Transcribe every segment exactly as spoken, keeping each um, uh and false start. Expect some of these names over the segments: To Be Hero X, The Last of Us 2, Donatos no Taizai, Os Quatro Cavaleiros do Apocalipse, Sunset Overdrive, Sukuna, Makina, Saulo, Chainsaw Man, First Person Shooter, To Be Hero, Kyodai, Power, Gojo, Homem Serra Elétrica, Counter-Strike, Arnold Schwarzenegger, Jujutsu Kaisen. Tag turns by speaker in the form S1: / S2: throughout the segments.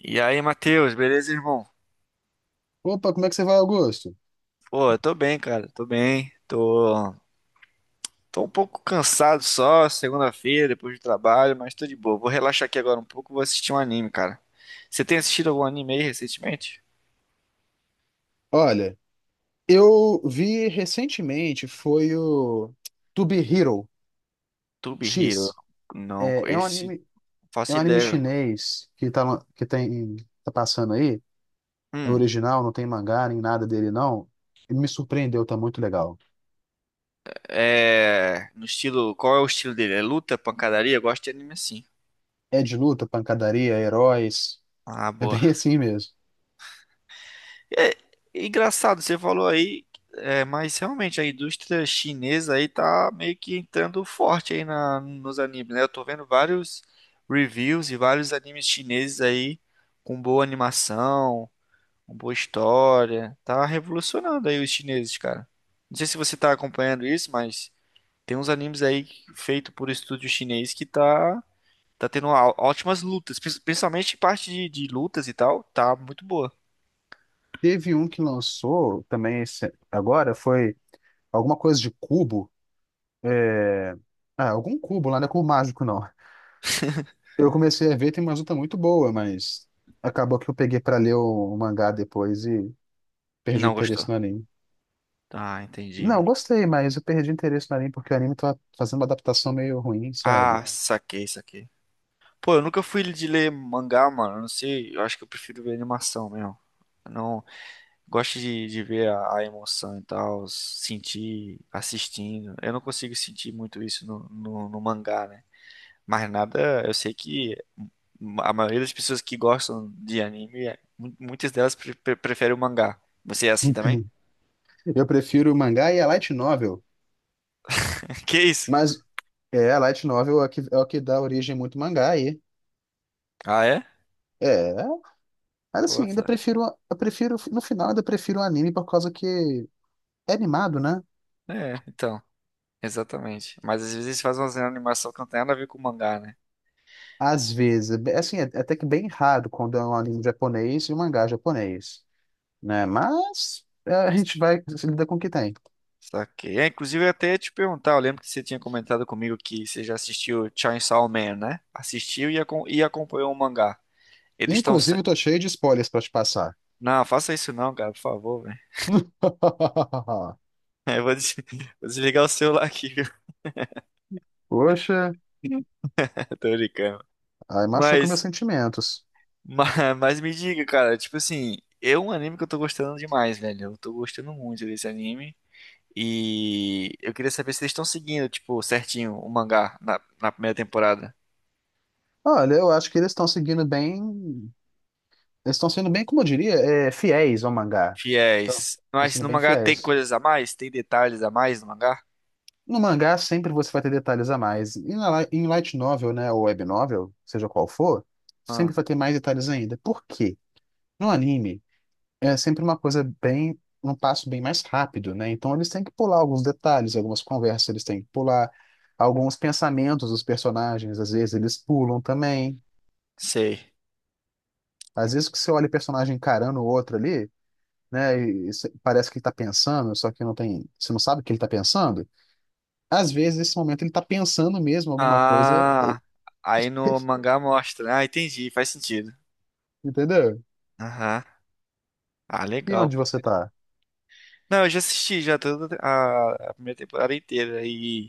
S1: E aí, Matheus, beleza, irmão?
S2: Opa, como é que você vai, Augusto?
S1: Pô, eu tô bem, cara, tô bem. Tô, tô um pouco cansado só, segunda-feira, depois do trabalho, mas tô de boa. Vou relaxar aqui agora um pouco, vou assistir um anime, cara. Você tem assistido algum anime aí recentemente?
S2: Olha, eu vi recentemente, foi o To Be Hero
S1: Tube Hero.
S2: X.
S1: Não,
S2: É, é um
S1: esse
S2: anime,
S1: não
S2: é
S1: faço
S2: um anime
S1: ideia.
S2: chinês que tá, lan- que tem, tá passando aí. É
S1: Hum,
S2: original, não tem mangá nem nada dele, não. E me surpreendeu, tá muito legal.
S1: é. No estilo. Qual é o estilo dele? É luta, pancadaria? Eu gosto de anime assim.
S2: É de luta, pancadaria, heróis.
S1: Ah,
S2: É
S1: boa.
S2: bem assim mesmo.
S1: É engraçado, você falou aí, é, mas realmente a indústria chinesa aí tá meio que entrando forte aí na, nos animes, né? Eu tô vendo vários reviews e vários animes chineses aí com boa animação, com boa história. Tá revolucionando aí os chineses, cara. Não sei se você tá acompanhando isso, mas tem uns animes aí feito por estúdio chinês que tá, tá tendo ó- ótimas lutas, prin- principalmente parte de, de lutas e tal, tá muito boa.
S2: Teve um que lançou também esse- agora, foi alguma coisa de cubo. É... Ah, algum cubo lá, não é cubo mágico, não. Eu comecei a ver, tem uma luta muito boa, mas acabou que eu peguei pra ler o, o mangá depois e perdi o
S1: Não
S2: interesse
S1: gostou.
S2: no anime.
S1: Ah, entendi,
S2: Não, eu
S1: mano.
S2: gostei, mas eu perdi o interesse no anime porque o anime tá fazendo uma adaptação meio ruim, sabe?
S1: Ah, saquei, saquei. Pô, eu nunca fui de ler mangá, mano. Eu Não sei, eu acho que eu prefiro ver animação mesmo. Eu não gosto de, de ver a, a emoção e tal, sentir assistindo. Eu não consigo sentir muito isso no, no, no mangá, né? Mas nada, eu sei que a maioria das pessoas que gostam de anime, é- mu- muitas delas pre- pre- preferem o mangá. Você é assim
S2: Não
S1: também?
S2: tem. Eu prefiro o mangá e a light novel,
S1: Que isso?
S2: mas é, a light novel é o que, é o que dá origem muito mangá aí.
S1: Ah, é?
S2: É, mas
S1: Pô,
S2: assim, ainda
S1: tá.
S2: prefiro, eu prefiro, no final ainda prefiro o anime por causa que é animado, né?
S1: É, então, exatamente. Mas às vezes eles fazem uma animação que não tem nada a ver com o mangá, né?
S2: Às vezes, é bem- assim, é é até que bem raro quando é um anime japonês e um mangá japonês. Né? Mas é, a gente vai se lidar com o que tem.
S1: Saquei. É, inclusive, eu ia até te perguntar, eu lembro que você tinha comentado comigo que você já assistiu Chainsaw Man, né? Assistiu e, acom- e acompanhou o mangá. Eles estão...
S2: Inclusive,
S1: Se...
S2: eu tô cheio de spoilers pra te passar.
S1: Não, faça isso não, cara, por favor, velho. Eu vou, des- vou desligar o celular aqui, viu?
S2: Poxa,
S1: Tô brincando.
S2: aí machuca meus
S1: Mas,
S2: sentimentos.
S1: mas, mas me diga, cara, tipo assim, é um anime que eu tô gostando demais, velho. Eu tô gostando muito desse anime. E eu queria saber se eles estão seguindo, tipo, certinho o mangá na, na primeira temporada.
S2: Olha, eu acho que eles estão seguindo bem. Eles estão sendo bem, como eu diria, é, fiéis ao mangá.
S1: Fiéis.
S2: Estão
S1: Mas
S2: sendo
S1: no
S2: bem
S1: mangá tem
S2: fiéis.
S1: coisas a mais? Tem detalhes a mais no mangá?
S2: No mangá, sempre você vai ter detalhes a mais. E na, li- em light novel, né, ou web novel, seja qual for, sempre
S1: Ah,
S2: vai ter mais detalhes ainda. Por quê? No anime. É sempre uma coisa bem, um passo bem mais rápido, né? Então eles têm que pular alguns detalhes, algumas conversas, eles têm que pular alguns pensamentos dos personagens, às vezes eles pulam também.
S1: sei.
S2: Às vezes que você olha o personagem encarando o outro ali, né? E cê- parece que ele tá pensando, só que não tem, você não sabe o que ele tá pensando. Às vezes nesse momento ele tá pensando mesmo alguma coisa,
S1: Ah, aí no mangá mostra, né? Ah, entendi, faz sentido.
S2: entendeu?
S1: Aham. Ah,
S2: E
S1: legal.
S2: onde você tá?
S1: Não, eu já assisti já toda a, a primeira temporada inteira e,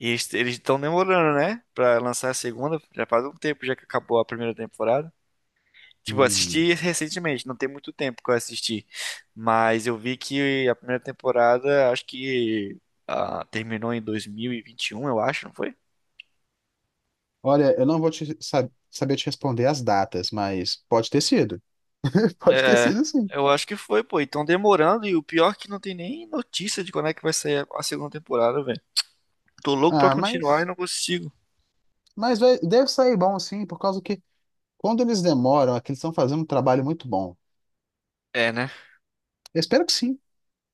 S1: e eles eles estão demorando, né? Pra lançar a segunda. Já faz um tempo já que acabou a primeira temporada. Tipo, eu
S2: Hum.
S1: assisti recentemente, não tem muito tempo que eu assisti. Mas eu vi que a primeira temporada, acho que ah, terminou em dois mil e vinte e um, eu acho, não foi?
S2: Olha, eu não vou te sa- saber te responder as datas, mas pode ter sido. Pode ter
S1: É,
S2: sido sim.
S1: eu acho que foi, pô. E tão demorando, e o pior é que não tem nem notícia de quando é que vai sair a segunda temporada, velho. Tô louco pra
S2: Ah,
S1: continuar e
S2: mas
S1: não consigo.
S2: Mas vai- deve sair bom, sim, por causa que quando eles demoram, é que eles estão fazendo um trabalho muito bom.
S1: É, né?
S2: Eu espero que sim.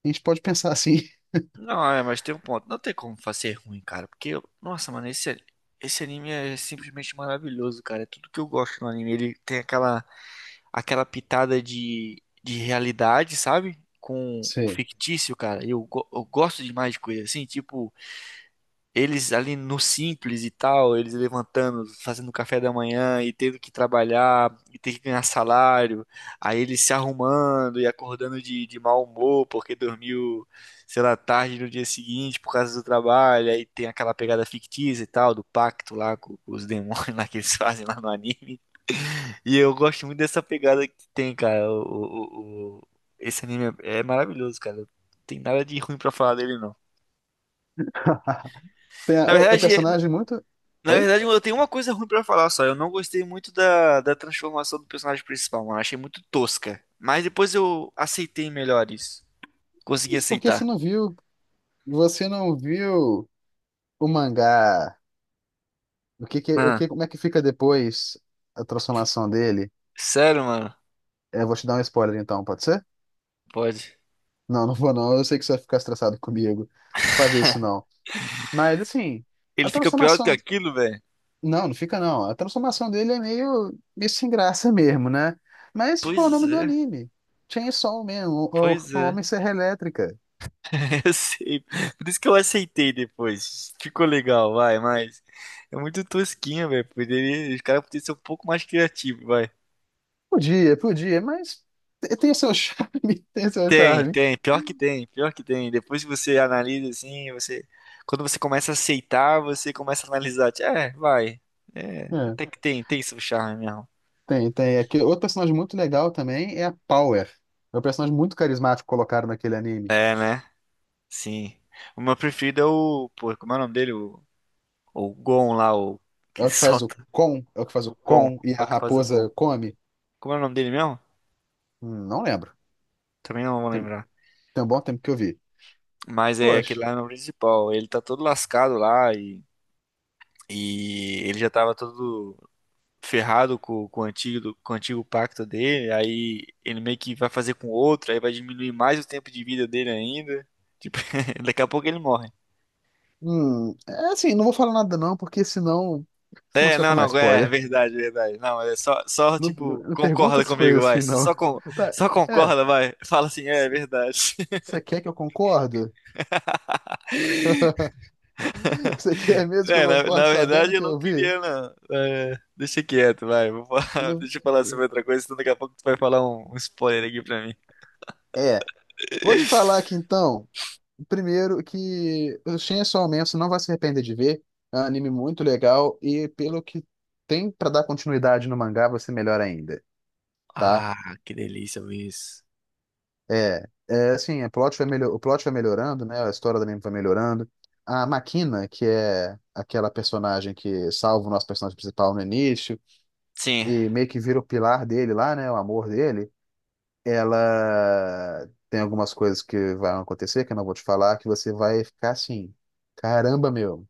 S2: A gente pode pensar assim.
S1: Não, é, mas tem um ponto. Não tem como fazer ruim, cara. Porque, eu- nossa, mano, esse, esse anime é simplesmente maravilhoso, cara. É tudo que eu gosto no anime. Ele tem aquela aquela pitada de, de realidade, sabe? Com o
S2: Sei.
S1: fictício, cara. Eu, go- eu gosto demais de coisa assim, tipo, eles ali no simples e tal, eles levantando, fazendo café da manhã e tendo que trabalhar e ter que ganhar salário. Aí eles se arrumando e acordando de, de mau humor porque dormiu, sei lá, tarde no dia seguinte por causa do trabalho. Aí tem aquela pegada fictícia e tal, do pacto lá com, com os demônios lá que eles fazem lá no anime. E eu gosto muito dessa pegada que tem, cara. O, o- o- esse anime é é maravilhoso, cara. Não tem nada de ruim pra falar dele, não.
S2: Tem a-
S1: Na
S2: o, o
S1: verdade, É, é-
S2: personagem muito.
S1: na
S2: Oi?
S1: verdade, eu tenho uma coisa ruim pra falar só. Eu não gostei muito da, da transformação do personagem principal, mano. Achei muito tosca. Mas depois eu aceitei melhor isso. Consegui
S2: Mas por que você
S1: aceitar.
S2: não viu? Você não viu o mangá? O que que, o
S1: Ah,
S2: que, como é que fica depois a transformação dele?
S1: sério, mano?
S2: É, eu vou te dar um spoiler então, pode ser?
S1: Pode.
S2: Não, não vou não. Eu sei que você vai ficar estressado comigo fazer isso não. Mas assim, a
S1: Ele fica pior do que
S2: transformação
S1: aquilo, velho?
S2: não, não fica não. A transformação dele é meio, meio sem graça mesmo, né? Mas, tipo, é o
S1: Pois
S2: nome do
S1: é,
S2: anime. Chainsaw mesmo, o, o
S1: pois
S2: o
S1: é.
S2: Homem Serra Elétrica.
S1: Eu sei. Por isso que eu aceitei depois. Ficou legal, vai, mas é muito tosquinho, velho. Poderia, os caras poderiam ser um pouco mais criativos, vai.
S2: Podia, podia, mas te- tem seu charme, tem seu
S1: Tem,
S2: charme.
S1: tem, pior que tem, pior que tem. Depois que você analisa assim, você quando você começa a aceitar, você começa a analisar, tipo, é, vai. É,
S2: É,
S1: até que tem, tem seu charme mesmo.
S2: tem, tem. Aqui, outro personagem muito legal também é a Power. É um personagem muito carismático que colocaram naquele anime.
S1: É, né? Sim. O meu preferido é o, pô, como é o nome dele? O, o Gon lá, o
S2: É
S1: que
S2: o que faz o
S1: solta
S2: Kon, é o que faz o
S1: o Gon,
S2: Kon e
S1: é
S2: a
S1: o que faz o
S2: raposa
S1: Gon.
S2: come.
S1: Como é o nome dele mesmo?
S2: Hum, Não lembro.
S1: Também não vou
S2: Tem,
S1: lembrar.
S2: tem um bom tempo que eu vi.
S1: Mas é aquele
S2: Poxa.
S1: lá no principal. Ele tá todo lascado lá e, e ele já tava todo ferrado com, com o antigo, do- com o antigo pacto dele. Aí ele meio que vai fazer com outro, aí vai diminuir mais o tempo de vida dele ainda. Tipo, daqui a pouco ele morre.
S2: Hum, é assim, não vou falar nada não, porque senão, senão
S1: É,
S2: você vai
S1: não,
S2: tomar
S1: não, é
S2: spoiler.
S1: verdade, verdade. Não, é só, só
S2: Não,
S1: tipo,
S2: não- pergunta
S1: concorda
S2: as
S1: comigo,
S2: coisas
S1: vai.
S2: assim, não.
S1: Só, con-
S2: Tá,
S1: só
S2: é,
S1: concorda, vai. Fala assim, é, é verdade.
S2: você quer que eu concordo? Você quer mesmo que eu
S1: É, na, na
S2: concorde
S1: verdade
S2: sabendo
S1: eu
S2: que
S1: não
S2: eu vi?
S1: queria, não. É, deixa quieto, vai. Vou
S2: Eu
S1: falar-
S2: não-
S1: deixa eu falar sobre outra coisa, senão daqui a pouco tu vai falar um, um spoiler aqui pra mim.
S2: É, vou te falar aqui então, primeiro que o Chainsaw Man você não vai se arrepender de ver, é um anime muito legal e pelo que tem pra dar continuidade no mangá vai ser melhor ainda, tá?
S1: Ah, que delícia ouvir isso.
S2: É, é assim, a plot vai melhor, o plot vai melhorando, né? A história da menina vai melhorando. A Makina, que é aquela personagem que salva o nosso personagem principal no início
S1: Sim.
S2: e meio que vira o pilar dele lá, né? O amor dele. Ela tem algumas coisas que vão acontecer, que eu não vou te falar, que você vai ficar assim, caramba, meu,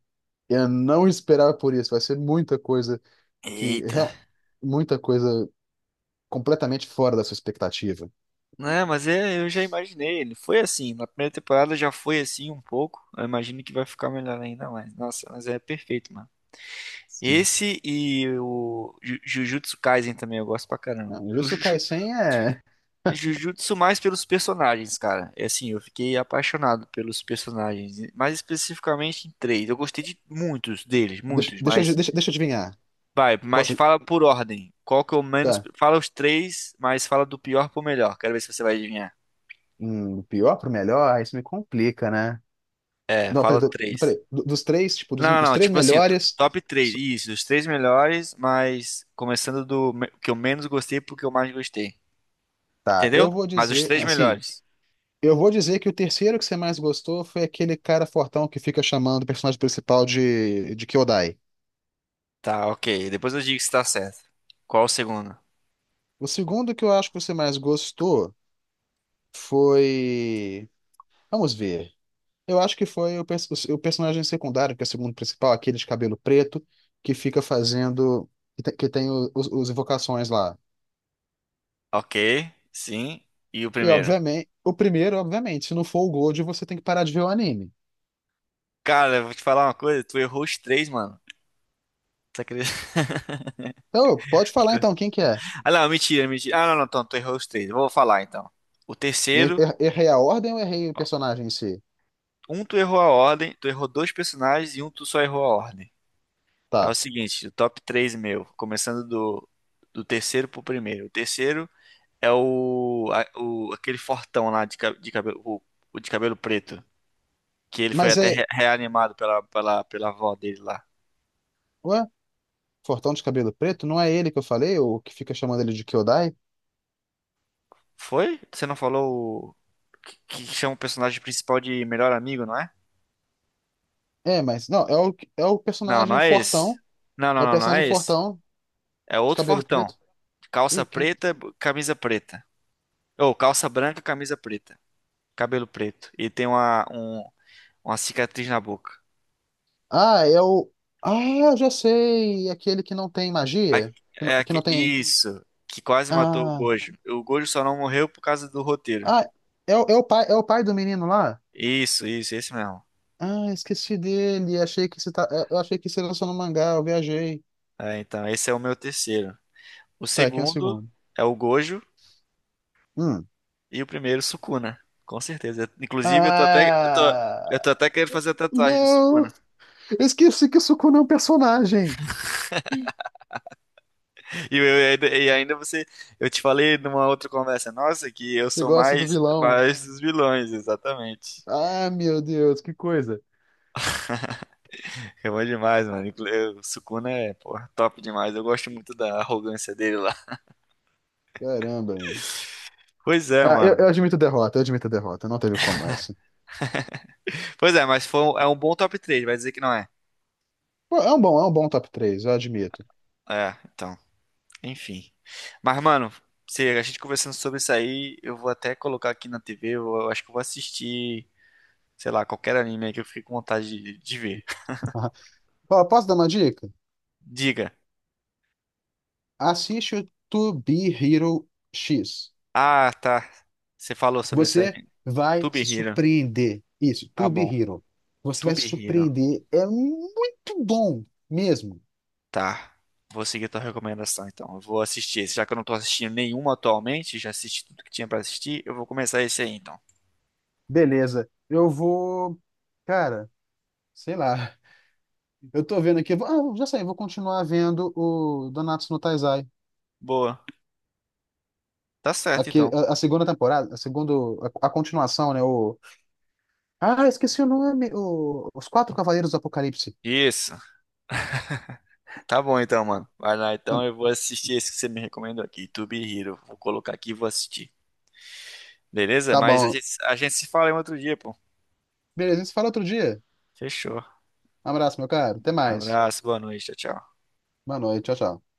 S2: eu não esperava por isso. Vai ser muita coisa que, real-
S1: Eita.
S2: muita coisa completamente fora da sua expectativa.
S1: Não, é, mas é, eu já imaginei. Ele foi assim. Na primeira temporada já foi assim um pouco. Eu imagino que vai ficar melhor ainda mais. Nossa, mas é perfeito, mano.
S2: Sim.
S1: Esse e o Ju- Jujutsu Kaisen também eu gosto pra caramba.
S2: Não,
S1: O
S2: Jujutsu
S1: Ju-
S2: Kaisen é
S1: Jujutsu mais pelos personagens, cara. É assim, eu fiquei apaixonado pelos personagens, mais especificamente em três. Eu gostei de muitos deles,
S2: Deixa,
S1: muitos,
S2: deixa, eu-
S1: mas
S2: deixa, deixa eu adivinhar.
S1: vai, mas
S2: Posso.
S1: fala por ordem. Qual que é o menos?
S2: Tá.
S1: Fala os três, mas fala do pior pro melhor. Quero ver se você vai adivinhar.
S2: Hum, do pior pro melhor, isso me complica, né?
S1: É,
S2: Não, peraí,
S1: fala
S2: do- do-
S1: três.
S2: peraí. Do- dos três, tipo, dos,
S1: Não, não,
S2: os
S1: não,
S2: três
S1: tipo assim, t-
S2: melhores.
S1: top três.
S2: so-
S1: Isso, os três melhores, mas começando do me- que eu menos gostei pro que eu mais gostei.
S2: Tá,
S1: Entendeu?
S2: eu vou
S1: Mas os
S2: dizer.
S1: três
S2: Assim,
S1: melhores.
S2: eu vou dizer que o terceiro que você mais gostou foi aquele cara fortão que fica chamando o personagem principal de, de Kyodai.
S1: Tá, ok. Depois eu digo se tá certo. Qual o segundo?
S2: O segundo que eu acho que você mais gostou foi. Vamos ver. Eu acho que foi o, pers- o personagem secundário, que é o segundo principal, aquele de cabelo preto, que fica fazendo. Que tem, que tem o- os, os invocações lá.
S1: Ok, sim. E o
S2: E,
S1: primeiro?
S2: obviamente, o primeiro, obviamente, se não for o Gold, você tem que parar de ver o anime.
S1: Cara, eu vou te falar uma coisa, tu errou os três, mano. Você acredita?
S2: Então, pode falar então quem que é.
S1: Ah, não, mentira, mentira. Ah, não, não, então, tu errou os três. Eu vou falar então. O
S2: Er-
S1: terceiro,
S2: er- Errei a ordem ou errei o
S1: ó,
S2: personagem em si?
S1: um tu errou a ordem, tu errou dois personagens e um tu só errou a ordem. É o
S2: Tá.
S1: seguinte, o top três meu, começando do, do terceiro pro primeiro. O terceiro é o, a- o aquele fortão lá de, ca- de cabelo, o, o de cabelo preto, que ele foi
S2: Mas
S1: até
S2: é.
S1: re- reanimado pela, pela, pela avó dele lá.
S2: Ué? Fortão de cabelo preto? Não é ele que eu falei, o que fica chamando ele de Kyodai?
S1: Foi? Você não falou o... que, que chama o personagem principal de melhor amigo, não é?
S2: É, mas. Não, é o, é o
S1: Não, não
S2: personagem
S1: é esse.
S2: Fortão.
S1: Não,
S2: É
S1: não,
S2: o
S1: não, não
S2: personagem
S1: é esse.
S2: Fortão
S1: É
S2: de
S1: outro
S2: cabelo
S1: fortão.
S2: preto. Ih,
S1: Calça
S2: quem?
S1: preta, b- camisa preta. Ou calça branca, camisa preta. Cabelo preto. E tem uma, um- uma cicatriz na boca.
S2: Ah, é o. Ah, já sei! Aquele que não tem
S1: A-
S2: magia? Que não,
S1: É
S2: que
S1: aque-
S2: não tem.
S1: isso. Que quase matou o
S2: Ah,
S1: Gojo. O Gojo só não morreu por causa do roteiro.
S2: ah é, o- é, o pai, é o pai do menino lá?
S1: Isso, isso, esse mesmo.
S2: Ah, esqueci dele. Achei que você tá... Eu achei que você lançou no mangá, eu viajei.
S1: É, então, esse é o meu terceiro. O
S2: Tá, aqui um
S1: segundo
S2: segundo.
S1: é o Gojo.
S2: Hum.
S1: E o primeiro, Sukuna. Com certeza. Inclusive, eu tô até, eu tô, eu tô
S2: Ah!
S1: até querendo fazer a tatuagem do
S2: Não!
S1: Sukuna.
S2: Eu esqueci que o Sukuna é um personagem!
S1: E, eu- eu ainda- e ainda você, eu te falei numa outra conversa nossa que eu
S2: Você
S1: sou
S2: gosta do
S1: mais,
S2: vilão?
S1: mais dos vilões, exatamente.
S2: Ah, meu Deus, que coisa!
S1: É bom demais, mano. Inclu- O Sukuna é, porra, top demais. Eu gosto muito da arrogância dele lá.
S2: Caramba, meu.
S1: Pois é,
S2: Ah, eu,
S1: mano.
S2: eu admito derrota, eu admito derrota. Não teve como essa.
S1: Pois é, mas foi um- é um bom top três. Vai dizer que não é.
S2: Pô, é um bom, é um bom top três eu admito.
S1: É, então, enfim. Mas, mano, se a gente conversando sobre isso aí, eu vou até colocar aqui na tê vê, eu eu acho que eu vou assistir sei lá, qualquer anime aí que eu fiquei com vontade de, de ver.
S2: Ó, posso dar uma dica?
S1: Diga.
S2: Assiste o To Be Hero X.
S1: Ah, tá. Você falou sobre esse
S2: Você
S1: anime.
S2: vai
S1: To Be
S2: se
S1: Hero.
S2: surpreender. Isso,
S1: Tá
S2: To Be
S1: bom.
S2: Hero. Você
S1: To
S2: vai se
S1: Be Hero.
S2: surpreender. É muito bom mesmo.
S1: Tá. Vou seguir tua recomendação, então. Eu vou assistir esse. Já que eu não tô assistindo nenhuma atualmente, já assisti tudo que tinha pra assistir, eu vou começar esse aí, então.
S2: Beleza. Eu vou. Cara, sei lá. Eu tô vendo aqui. eu vou- Ah, já sei, eu vou continuar vendo o Donatos no Taizai.
S1: Boa. Tá certo,
S2: Aqui,
S1: então.
S2: a, a segunda temporada, a segunda, a, a continuação, né? O... Ah, esqueci o nome. O... Os Quatro Cavaleiros do Apocalipse.
S1: Isso. Tá bom, então, mano. Vai lá, então. Eu vou assistir esse que você me recomendou aqui. To Be Hero. Vou colocar aqui e vou assistir. Beleza?
S2: Tá
S1: Mas a
S2: bom.
S1: gente, a gente se fala em outro dia, pô.
S2: Beleza, a gente se fala outro dia.
S1: Fechou.
S2: Um abraço, meu caro. Até mais.
S1: Abraço, boa noite. Tchau, tchau.
S2: Boa noite. Tchau, tchau.